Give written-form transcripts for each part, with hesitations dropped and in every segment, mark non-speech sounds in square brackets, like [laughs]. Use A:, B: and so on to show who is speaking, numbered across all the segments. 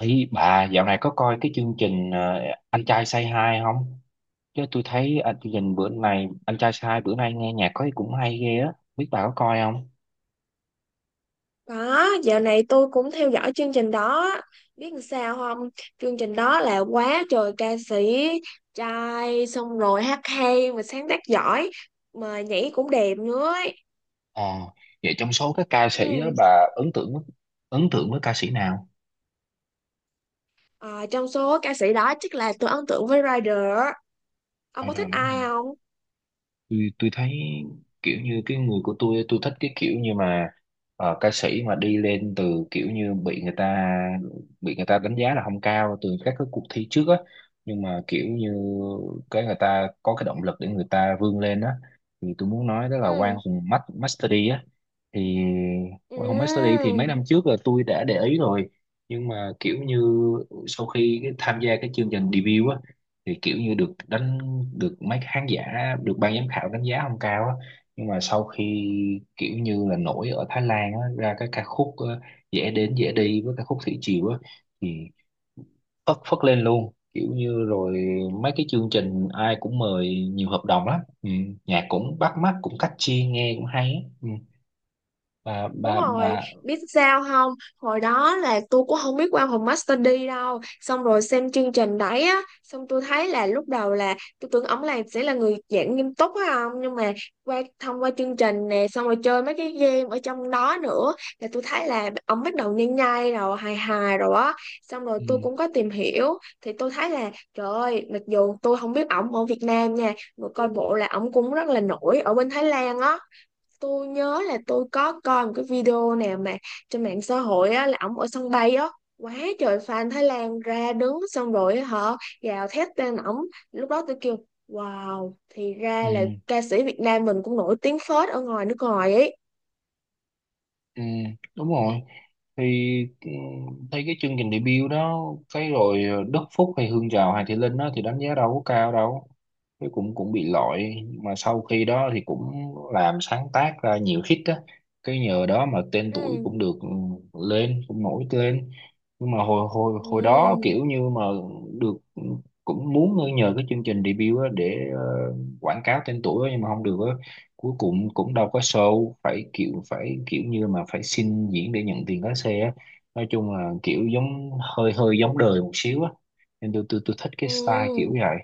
A: Ý bà dạo này có coi cái chương trình Anh trai Say Hi không? Chứ tôi thấy anh chương trình bữa này Anh trai Say Hi bữa nay nghe nhạc có cũng hay ghê á. Biết bà có coi không?
B: Có, dạo này tôi cũng theo dõi chương trình đó. Biết làm sao không? Chương trình đó là quá trời ca sĩ, trai, xong rồi hát hay, mà sáng tác giỏi, mà nhảy cũng đẹp nữa ấy.
A: Ờ, vậy trong số các ca sĩ á,
B: Ừ.
A: bà ấn tượng với ca sĩ nào?
B: Ờ, Trong số ca sĩ đó chắc là tôi ấn tượng với Rider. Ông
A: Hay
B: có
A: được.
B: thích ai không?
A: Tôi thấy kiểu như cái người của tôi thích cái kiểu như mà ca sĩ mà đi lên từ kiểu như bị người ta đánh giá là không cao từ các cái cuộc thi trước á, nhưng mà kiểu như cái người ta có cái động lực để người ta vươn lên á, thì tôi muốn nói đó là
B: Ừ.
A: Master D á, thì qua home study thì mấy
B: Ừ.
A: năm trước là tôi đã để ý rồi, nhưng mà kiểu như sau khi tham gia cái chương trình debut á thì kiểu như được mấy khán giả, được ban giám khảo đánh giá không cao á. Nhưng mà sau khi kiểu như là nổi ở Thái Lan á, ra cái ca khúc dễ đến dễ đi với ca khúc thủy triều á thì phất phất lên luôn kiểu như rồi mấy cái chương trình ai cũng mời, nhiều hợp đồng lắm. Ừ, nhạc cũng bắt mắt, cũng catchy, nghe cũng hay á. Ừ, bà
B: Đúng
A: bà
B: rồi,
A: bà
B: biết sao không? Hồi đó là tôi cũng không biết qua phòng Master D đâu. Xong rồi xem chương trình đấy á, xong tôi thấy là lúc đầu là tôi tưởng ổng là sẽ là người giảng nghiêm túc á không? Nhưng mà thông qua chương trình nè, xong rồi chơi mấy cái game ở trong đó nữa là tôi thấy là ổng bắt đầu nhai nhai rồi, hài hài rồi á. Xong rồi tôi
A: Ừ,
B: cũng có tìm hiểu thì tôi thấy là trời ơi, mặc dù tôi không biết ổng ở Việt Nam nha, mà coi bộ là ổng cũng rất là nổi ở bên Thái Lan á. Tôi nhớ là tôi có coi một cái video nào mà trên mạng xã hội á, là ổng ở sân bay á, quá trời fan Thái Lan ra đứng xong rồi á, họ gào thét tên ổng. Lúc đó tôi kêu wow, thì
A: ừ,
B: ra là ca sĩ Việt Nam mình cũng nổi tiếng phết ở ngoài nước ngoài ấy.
A: ừ, đúng rồi, thì ừ, thấy cái chương trình debut đó, cái rồi Đức Phúc hay Hương Tràm hay Thị Linh đó thì đánh giá đâu có cao đâu, cái cũng cũng bị loại. Nhưng mà sau khi đó thì cũng làm sáng tác ra nhiều hit á, cái nhờ đó mà tên tuổi
B: Ừ.
A: cũng được, ừ, lên cũng nổi lên. Nhưng mà hồi hồi hồi đó
B: Ừ.
A: kiểu như mà được, ừ, cũng muốn nhờ cái chương trình debut á để quảng cáo tên tuổi á, nhưng mà không được á, cuối cùng cũng đâu có show, phải kiểu như mà phải xin diễn để nhận tiền lái xe á, nói chung là kiểu giống hơi hơi giống đời một xíu á, nên tôi thích cái style kiểu
B: Ừ.
A: vậy,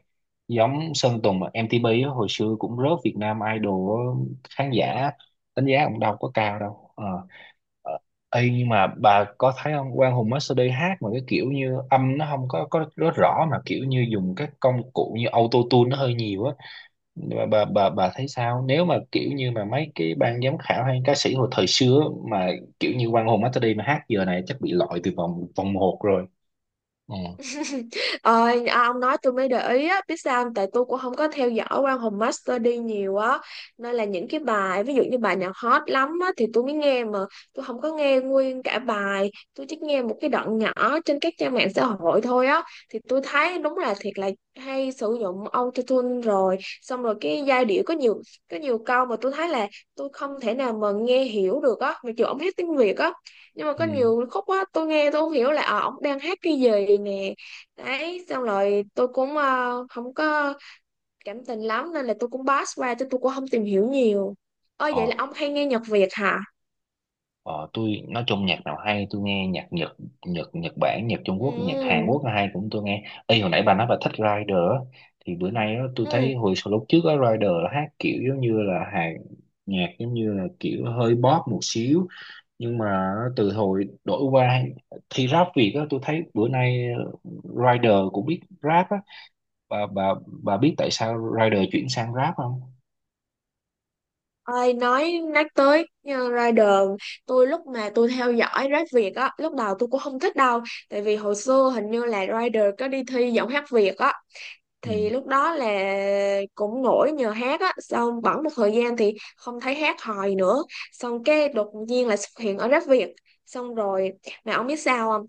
A: giống Sơn Tùng mà MTP á, hồi xưa cũng rớt Việt Nam Idol á, khán giả đánh giá cũng đâu có cao đâu. Ờ. Ờ, ê, nhưng mà bà có thấy không, Quang Hùng MasterD hát mà cái kiểu như âm nó không có rất rõ mà kiểu như dùng các công cụ như auto tune nó hơi nhiều á. Bà thấy sao nếu mà kiểu như mà mấy cái ban giám khảo hay ca sĩ hồi thời xưa mà kiểu như Quang Hùng Masterday mà hát giờ này chắc bị loại từ vòng vòng một rồi. Ừ.
B: [laughs] Ông nói tôi mới để ý á, biết sao không? Tại tôi cũng không có theo dõi Quang Hùng Master đi nhiều á, nên là những cái bài ví dụ như bài nào hot lắm á thì tôi mới nghe, mà tôi không có nghe nguyên cả bài, tôi chỉ nghe một cái đoạn nhỏ trên các trang mạng xã hội thôi á. Thì tôi thấy đúng là thiệt là hay sử dụng autotune, rồi xong rồi cái giai điệu có nhiều câu mà tôi thấy là tôi không thể nào mà nghe hiểu được á, mặc dù ông hát tiếng Việt á, nhưng mà
A: Ừ.
B: có nhiều khúc á tôi nghe tôi không hiểu là ổng đang hát cái gì nè. Đấy xong rồi tôi cũng không có cảm tình lắm, nên là tôi cũng pass qua chứ tôi cũng không tìm hiểu nhiều. Ơi vậy
A: ờ,
B: là ông hay nghe nhạc Việt hả?
A: ờ, tôi nói chung nhạc nào hay tôi nghe, nhạc Nhật, Nhật Bản, nhạc Trung Quốc, nhạc Hàn
B: Ừ.
A: Quốc hay cũng tôi nghe. Ê, hồi nãy bà nói bà thích Rider á, thì bữa nay á, tôi thấy
B: Ừ.
A: hồi sau lúc trước á Rider hát kiểu giống như là hàng nhạc, giống như là kiểu hơi pop một xíu, nhưng mà từ hồi đổi qua thi rap Việt á tôi thấy bữa nay Rider cũng biết rap á. bà bà bà biết tại sao Rider chuyển sang rap không?
B: Ơi nói nhắc tới như Rider, tôi lúc mà tôi theo dõi rap Việt á lúc đầu tôi cũng không thích đâu, tại vì hồi xưa hình như là Rider có đi thi giọng hát Việt á,
A: Ừ,
B: thì lúc đó là cũng nổi nhờ hát á, xong bẵng một thời gian thì không thấy hát hòi nữa, xong cái đột nhiên là xuất hiện ở Rap Việt. Xong rồi mà ông biết sao không,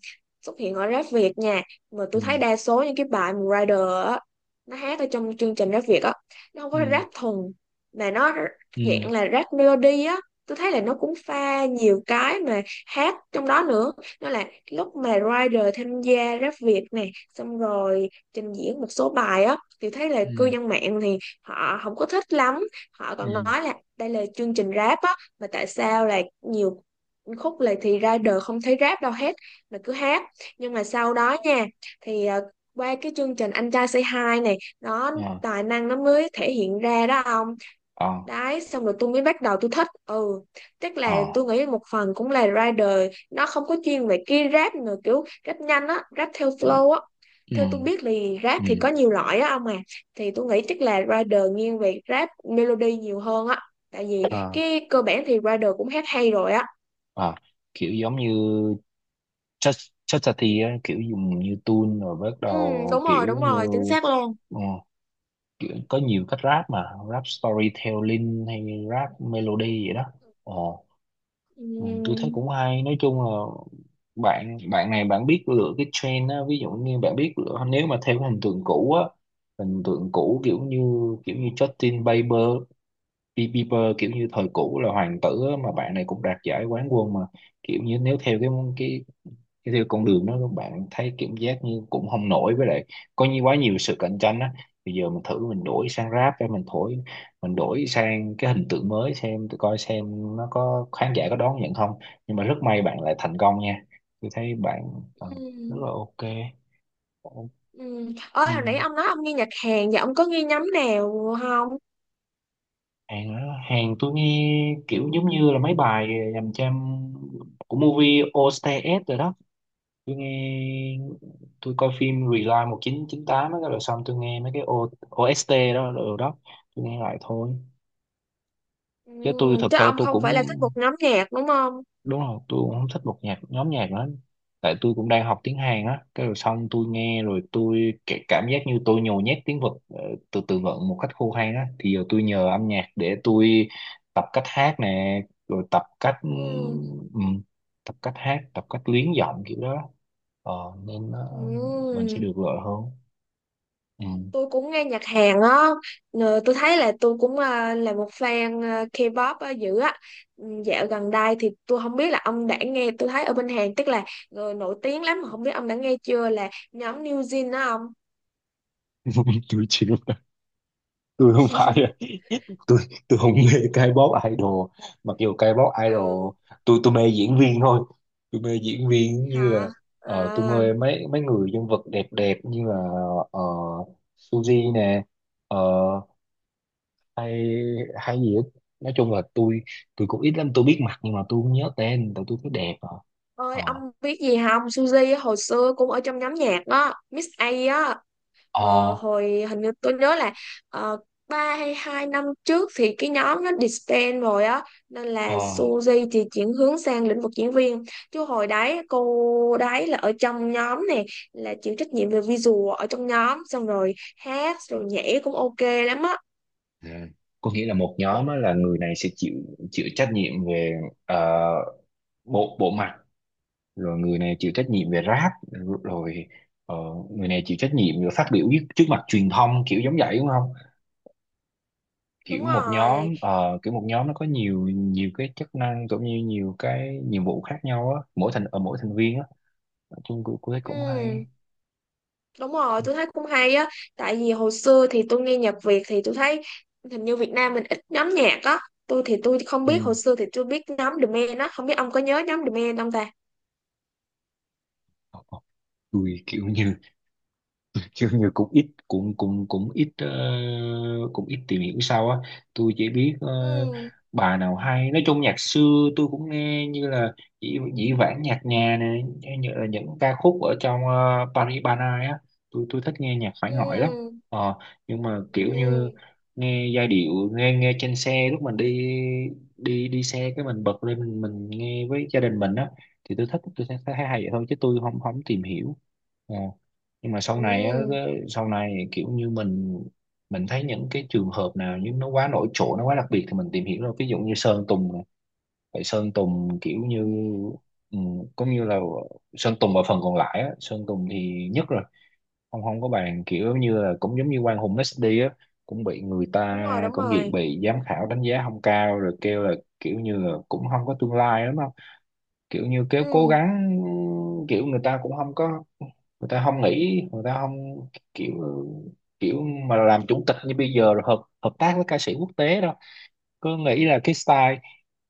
B: xuất hiện ở Rap Việt nha, mà
A: ừ,
B: tôi thấy đa số những cái bài mà Rider á nó hát ở trong chương trình Rap Việt á, nó không có
A: ừ,
B: rap thuần, mà nó
A: ừ,
B: dạng là rap melody á. Tôi thấy là nó cũng pha nhiều cái mà hát trong đó nữa. Nó là lúc mà Rider tham gia Rap Việt này xong rồi trình diễn một số bài á, thì thấy là cư
A: ừ,
B: dân mạng thì họ không có thích lắm, họ còn
A: ừ,
B: nói là đây là chương trình rap á, mà tại sao là nhiều khúc là thì ra đời không thấy rap đâu hết, mà cứ hát. Nhưng mà sau đó nha, thì qua cái chương trình Anh Trai Say Hi này, nó
A: ờ,
B: tài năng nó mới thể hiện ra đó ông.
A: ờ,
B: Đấy xong rồi tôi mới bắt đầu tôi thích. Ừ, tức là tôi
A: ờ,
B: nghĩ một phần cũng là rider nó không có chuyên về cái rap nữa, kiểu rap nhanh á, rap theo
A: ừ,
B: flow á.
A: ừ,
B: Theo tôi biết thì rap
A: ừ.
B: thì có nhiều loại á ông à, thì tôi nghĩ chắc là rider nghiêng về rap melody nhiều hơn á, tại vì
A: Ờ,
B: cái cơ bản thì rider cũng hát hay rồi á.
A: ờ, kiểu giống như chất chất Tati á, kiểu dùng như tune rồi bắt
B: Ừ,
A: đầu
B: đúng rồi
A: kiểu
B: đúng
A: như,
B: rồi, chính xác luôn.
A: ờ, kiểu có nhiều cách rap mà, rap storytelling hay rap melody vậy đó. Ờ. Ừ, tôi thấy
B: Ừ.
A: cũng hay, nói chung là bạn bạn này bạn biết lựa cái trend á, ví dụ như bạn biết lựa nếu mà theo cái hình tượng cũ á, hình tượng cũ kiểu như, Justin Bieber Bieber kiểu như thời cũ là hoàng tử á, mà bạn này cũng đạt giải quán quân mà, kiểu như nếu theo cái cái theo con đường đó các bạn thấy cảm giác như cũng không nổi, với lại có như quá nhiều sự cạnh tranh á, bây giờ mình thử mình đổi sang rap hay mình thổi, mình đổi sang cái hình tượng mới xem tụi coi xem nó có khán giả có đón nhận không. Nhưng mà rất may bạn lại thành công nha, tôi thấy bạn ờ,
B: Ừ.
A: rất là ok.
B: Ừ. Ôi, hồi nãy
A: Ừ.
B: ông nói ông nghe nhạc Hàn, và ông có nghe nhóm nào không?
A: Hàng đó, hàng tôi nghe kiểu giống như là mấy bài dành cho, của movie OSTS rồi đó, tôi nghe, tôi coi phim Rewind 1998 đó, rồi xong tôi nghe mấy cái OST đó rồi đó, tôi nghe lại thôi
B: Ừ,
A: chứ tôi thật
B: chứ
A: sự
B: ông
A: tôi
B: không
A: cũng,
B: phải là thích một nhóm nhạc đúng không?
A: đúng rồi tôi cũng không thích một nhóm nhạc nữa, tại tôi cũng đang học tiếng Hàn á, cái rồi xong tôi nghe rồi tôi cái cảm giác như tôi nhồi nhét tiếng Việt, từ từ vựng một cách khô hay á, thì giờ tôi nhờ âm nhạc để tôi tập cách hát nè, rồi
B: Ừ.
A: ừm, tập cách hát, tập cách luyến giọng kiểu đó. ờ, Nên ờ,
B: Ừ.
A: mình sẽ được lợi hơn. Ừ.
B: Tôi cũng nghe nhạc Hàn á. Ờ, tôi thấy là tôi cũng à, là một fan à, K-pop á, dữ á. Ừ, dạo gần đây thì tôi không biết là ông đã nghe, tôi thấy ở bên Hàn tức là người nổi tiếng lắm, mà không biết ông đã nghe chưa là nhóm New Jeans đó ông.
A: [laughs] Tôi chịu, tôi không phải, tôi tôi không mê K-pop idol, mặc dù K-pop
B: Ừ,
A: idol tôi mê diễn viên thôi, tôi mê diễn viên như là,
B: hả?
A: tôi
B: À,
A: mê mấy mấy người nhân vật đẹp đẹp như là ờ, Suzy nè, ờ, hay hay gì hết. Nói chung là tôi cũng ít lắm, tôi biết mặt nhưng mà tôi không nhớ tên tại tôi thấy đẹp à.
B: ơi
A: Ờ,
B: ông biết gì không? Suzy á, hồi xưa cũng ở trong nhóm nhạc đó, Miss A á. Mà
A: ờ,
B: hồi hình như tôi nhớ là uh, 3 hay 2 năm trước thì cái nhóm nó disband rồi á, nên là
A: ờ,
B: Suzy thì chuyển hướng sang lĩnh vực diễn viên. Chứ hồi đấy cô đấy là ở trong nhóm này là chịu trách nhiệm về visual ở trong nhóm, xong rồi hát rồi nhảy cũng ok lắm á.
A: à, có nghĩa là một nhóm á, là người này sẽ chịu, chịu trách nhiệm về ờ, bộ bộ mặt, rồi người này chịu trách nhiệm về rap, rồi ờ, người này chịu trách nhiệm về phát biểu trước trước mặt truyền thông, kiểu giống vậy đúng không?
B: Đúng
A: Kiểu một
B: rồi.
A: nhóm kiểu một nhóm nó có nhiều nhiều cái chức năng cũng như nhiều cái nhiệm vụ khác nhau á mỗi thành ở mỗi thành viên á. Nói chung cũng cũng thấy cũng hay.
B: Ừ. Đúng rồi,
A: Không.
B: tôi thấy cũng hay á. Tại vì hồi xưa thì tôi nghe nhạc Việt thì tôi thấy hình như Việt Nam mình ít nhóm nhạc á. Tôi thì tôi không biết,
A: Ừ.
B: hồi xưa thì tôi biết nhóm The Man á. Không biết ông có nhớ nhóm The Man không ta?
A: Ờ, ờ, tôi kiểu như [laughs] chứ như cũng ít cũng cũng cũng ít, cũng ít tìm hiểu sao á, tôi chỉ biết
B: Ừ,
A: bà nào hay, nói chung nhạc xưa tôi cũng nghe, như là dĩ vãng nhạc nhà này, như là những ca khúc ở trong Paris Ban Ai á, tôi thích nghe nhạc phải ngỏi lắm,
B: ừ,
A: ờ, nhưng mà
B: ừ,
A: kiểu như
B: ừ,
A: nghe giai điệu, nghe nghe trên xe lúc mình đi, đi đi xe cái mình bật lên mình nghe với gia đình mình á, thì tôi thích tôi thấy thấy hay vậy thôi chứ tôi không không tìm hiểu. Ờ, nhưng mà sau này á,
B: ừ,
A: sau này kiểu như mình thấy những cái trường hợp nào nhưng nó quá nổi trội nó quá đặc biệt thì mình tìm hiểu, rồi ví dụ như Sơn Tùng này. Tại Sơn Tùng kiểu như
B: ừ.
A: ừ, cũng như là Sơn Tùng ở phần còn lại á, Sơn Tùng thì nhất rồi, không không có bàn, kiểu như là cũng giống như Quang Hùng messi á, cũng bị người
B: Đúng
A: ta,
B: rồi, đúng
A: cũng
B: rồi.
A: bị giám khảo đánh giá không cao rồi kêu là kiểu như là cũng không có tương lai lắm, kiểu như kéo cố
B: Ừ,
A: gắng, kiểu người ta cũng không có, người ta không nghĩ, người ta không, kiểu kiểu mà làm chủ tịch như bây giờ rồi hợp hợp tác với ca sĩ quốc tế đâu, cứ nghĩ là cái style,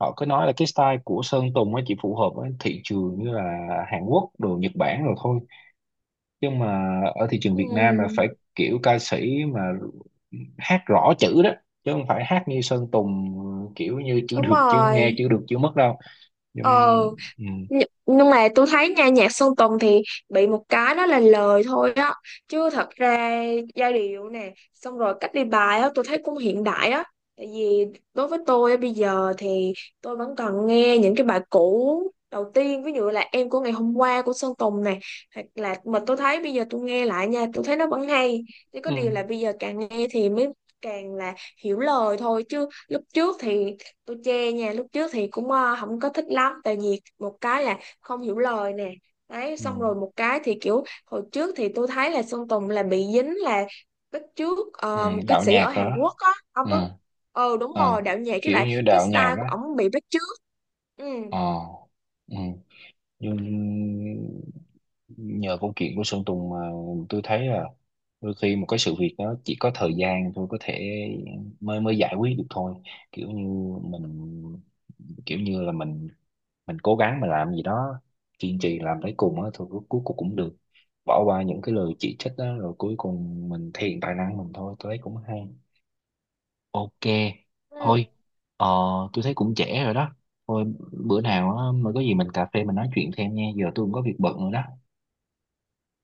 A: họ cứ nói là cái style của Sơn Tùng nó chỉ phù hợp với thị trường như là Hàn Quốc đồ Nhật Bản rồi thôi, nhưng mà ở thị trường Việt Nam là
B: ừ,
A: phải kiểu ca sĩ mà hát rõ chữ đó, chứ không phải hát như Sơn Tùng kiểu như chữ
B: đúng
A: được chữ nghe
B: rồi.
A: chữ được chữ mất đâu. Nhưng
B: Ờ.
A: ừ.
B: Nh- nhưng mà tôi thấy nha, nhạc Sơn Tùng thì bị một cái đó là lời thôi á, chứ thật ra giai điệu nè xong rồi cách đi bài á tôi thấy cũng hiện đại á. Tại vì đối với tôi á, bây giờ thì tôi vẫn còn nghe những cái bài cũ đầu tiên ví dụ là Em Của Ngày Hôm Qua của Sơn Tùng này, hoặc là mà tôi thấy bây giờ tôi nghe lại nha tôi thấy nó vẫn hay, chỉ có
A: Ừ.
B: điều là bây giờ càng nghe thì mới càng là hiểu lời thôi, chứ lúc trước thì tôi chê nha, lúc trước thì cũng không có thích lắm, tại vì một cái là không hiểu lời nè. Đấy
A: Ừ.
B: xong rồi một cái thì kiểu hồi trước thì tôi thấy là Sơn Tùng là bị dính là bắt chước
A: Ừ.
B: một cái
A: Đạo
B: sĩ
A: nhạc
B: ở
A: rồi
B: Hàn
A: đó.
B: Quốc á ông
A: Ừ.
B: có. Ờ đúng rồi,
A: Ờ,
B: đạo nhạc, với
A: kiểu
B: lại
A: như
B: cái
A: đạo nhạc
B: style của
A: á.
B: ổng bị bắt chước. Ừ.
A: Ờ, ừ. Nhưng nhờ câu chuyện của Sơn Tùng mà tôi thấy là đôi khi một cái sự việc đó chỉ có thời gian thôi có thể mới mới giải quyết được thôi, kiểu như mình, kiểu như là mình cố gắng mà làm gì đó kiên trì làm tới cùng á thì cuối cuối cùng cũng được, bỏ qua những cái lời chỉ trích đó rồi cuối cùng mình thể hiện tài năng mình thôi, tôi thấy cũng hay. Ok,
B: Ừ.
A: thôi, ờ, tôi thấy cũng trễ rồi đó. Thôi, bữa nào á, mà có gì mình cà phê mình nói chuyện thêm nha. Giờ tôi cũng có việc bận rồi đó.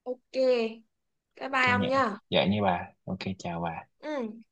B: Ok, bye
A: Ok
B: bye ông
A: nè,
B: nha.
A: vậy nha bà. Ok, chào bà.
B: Ừ.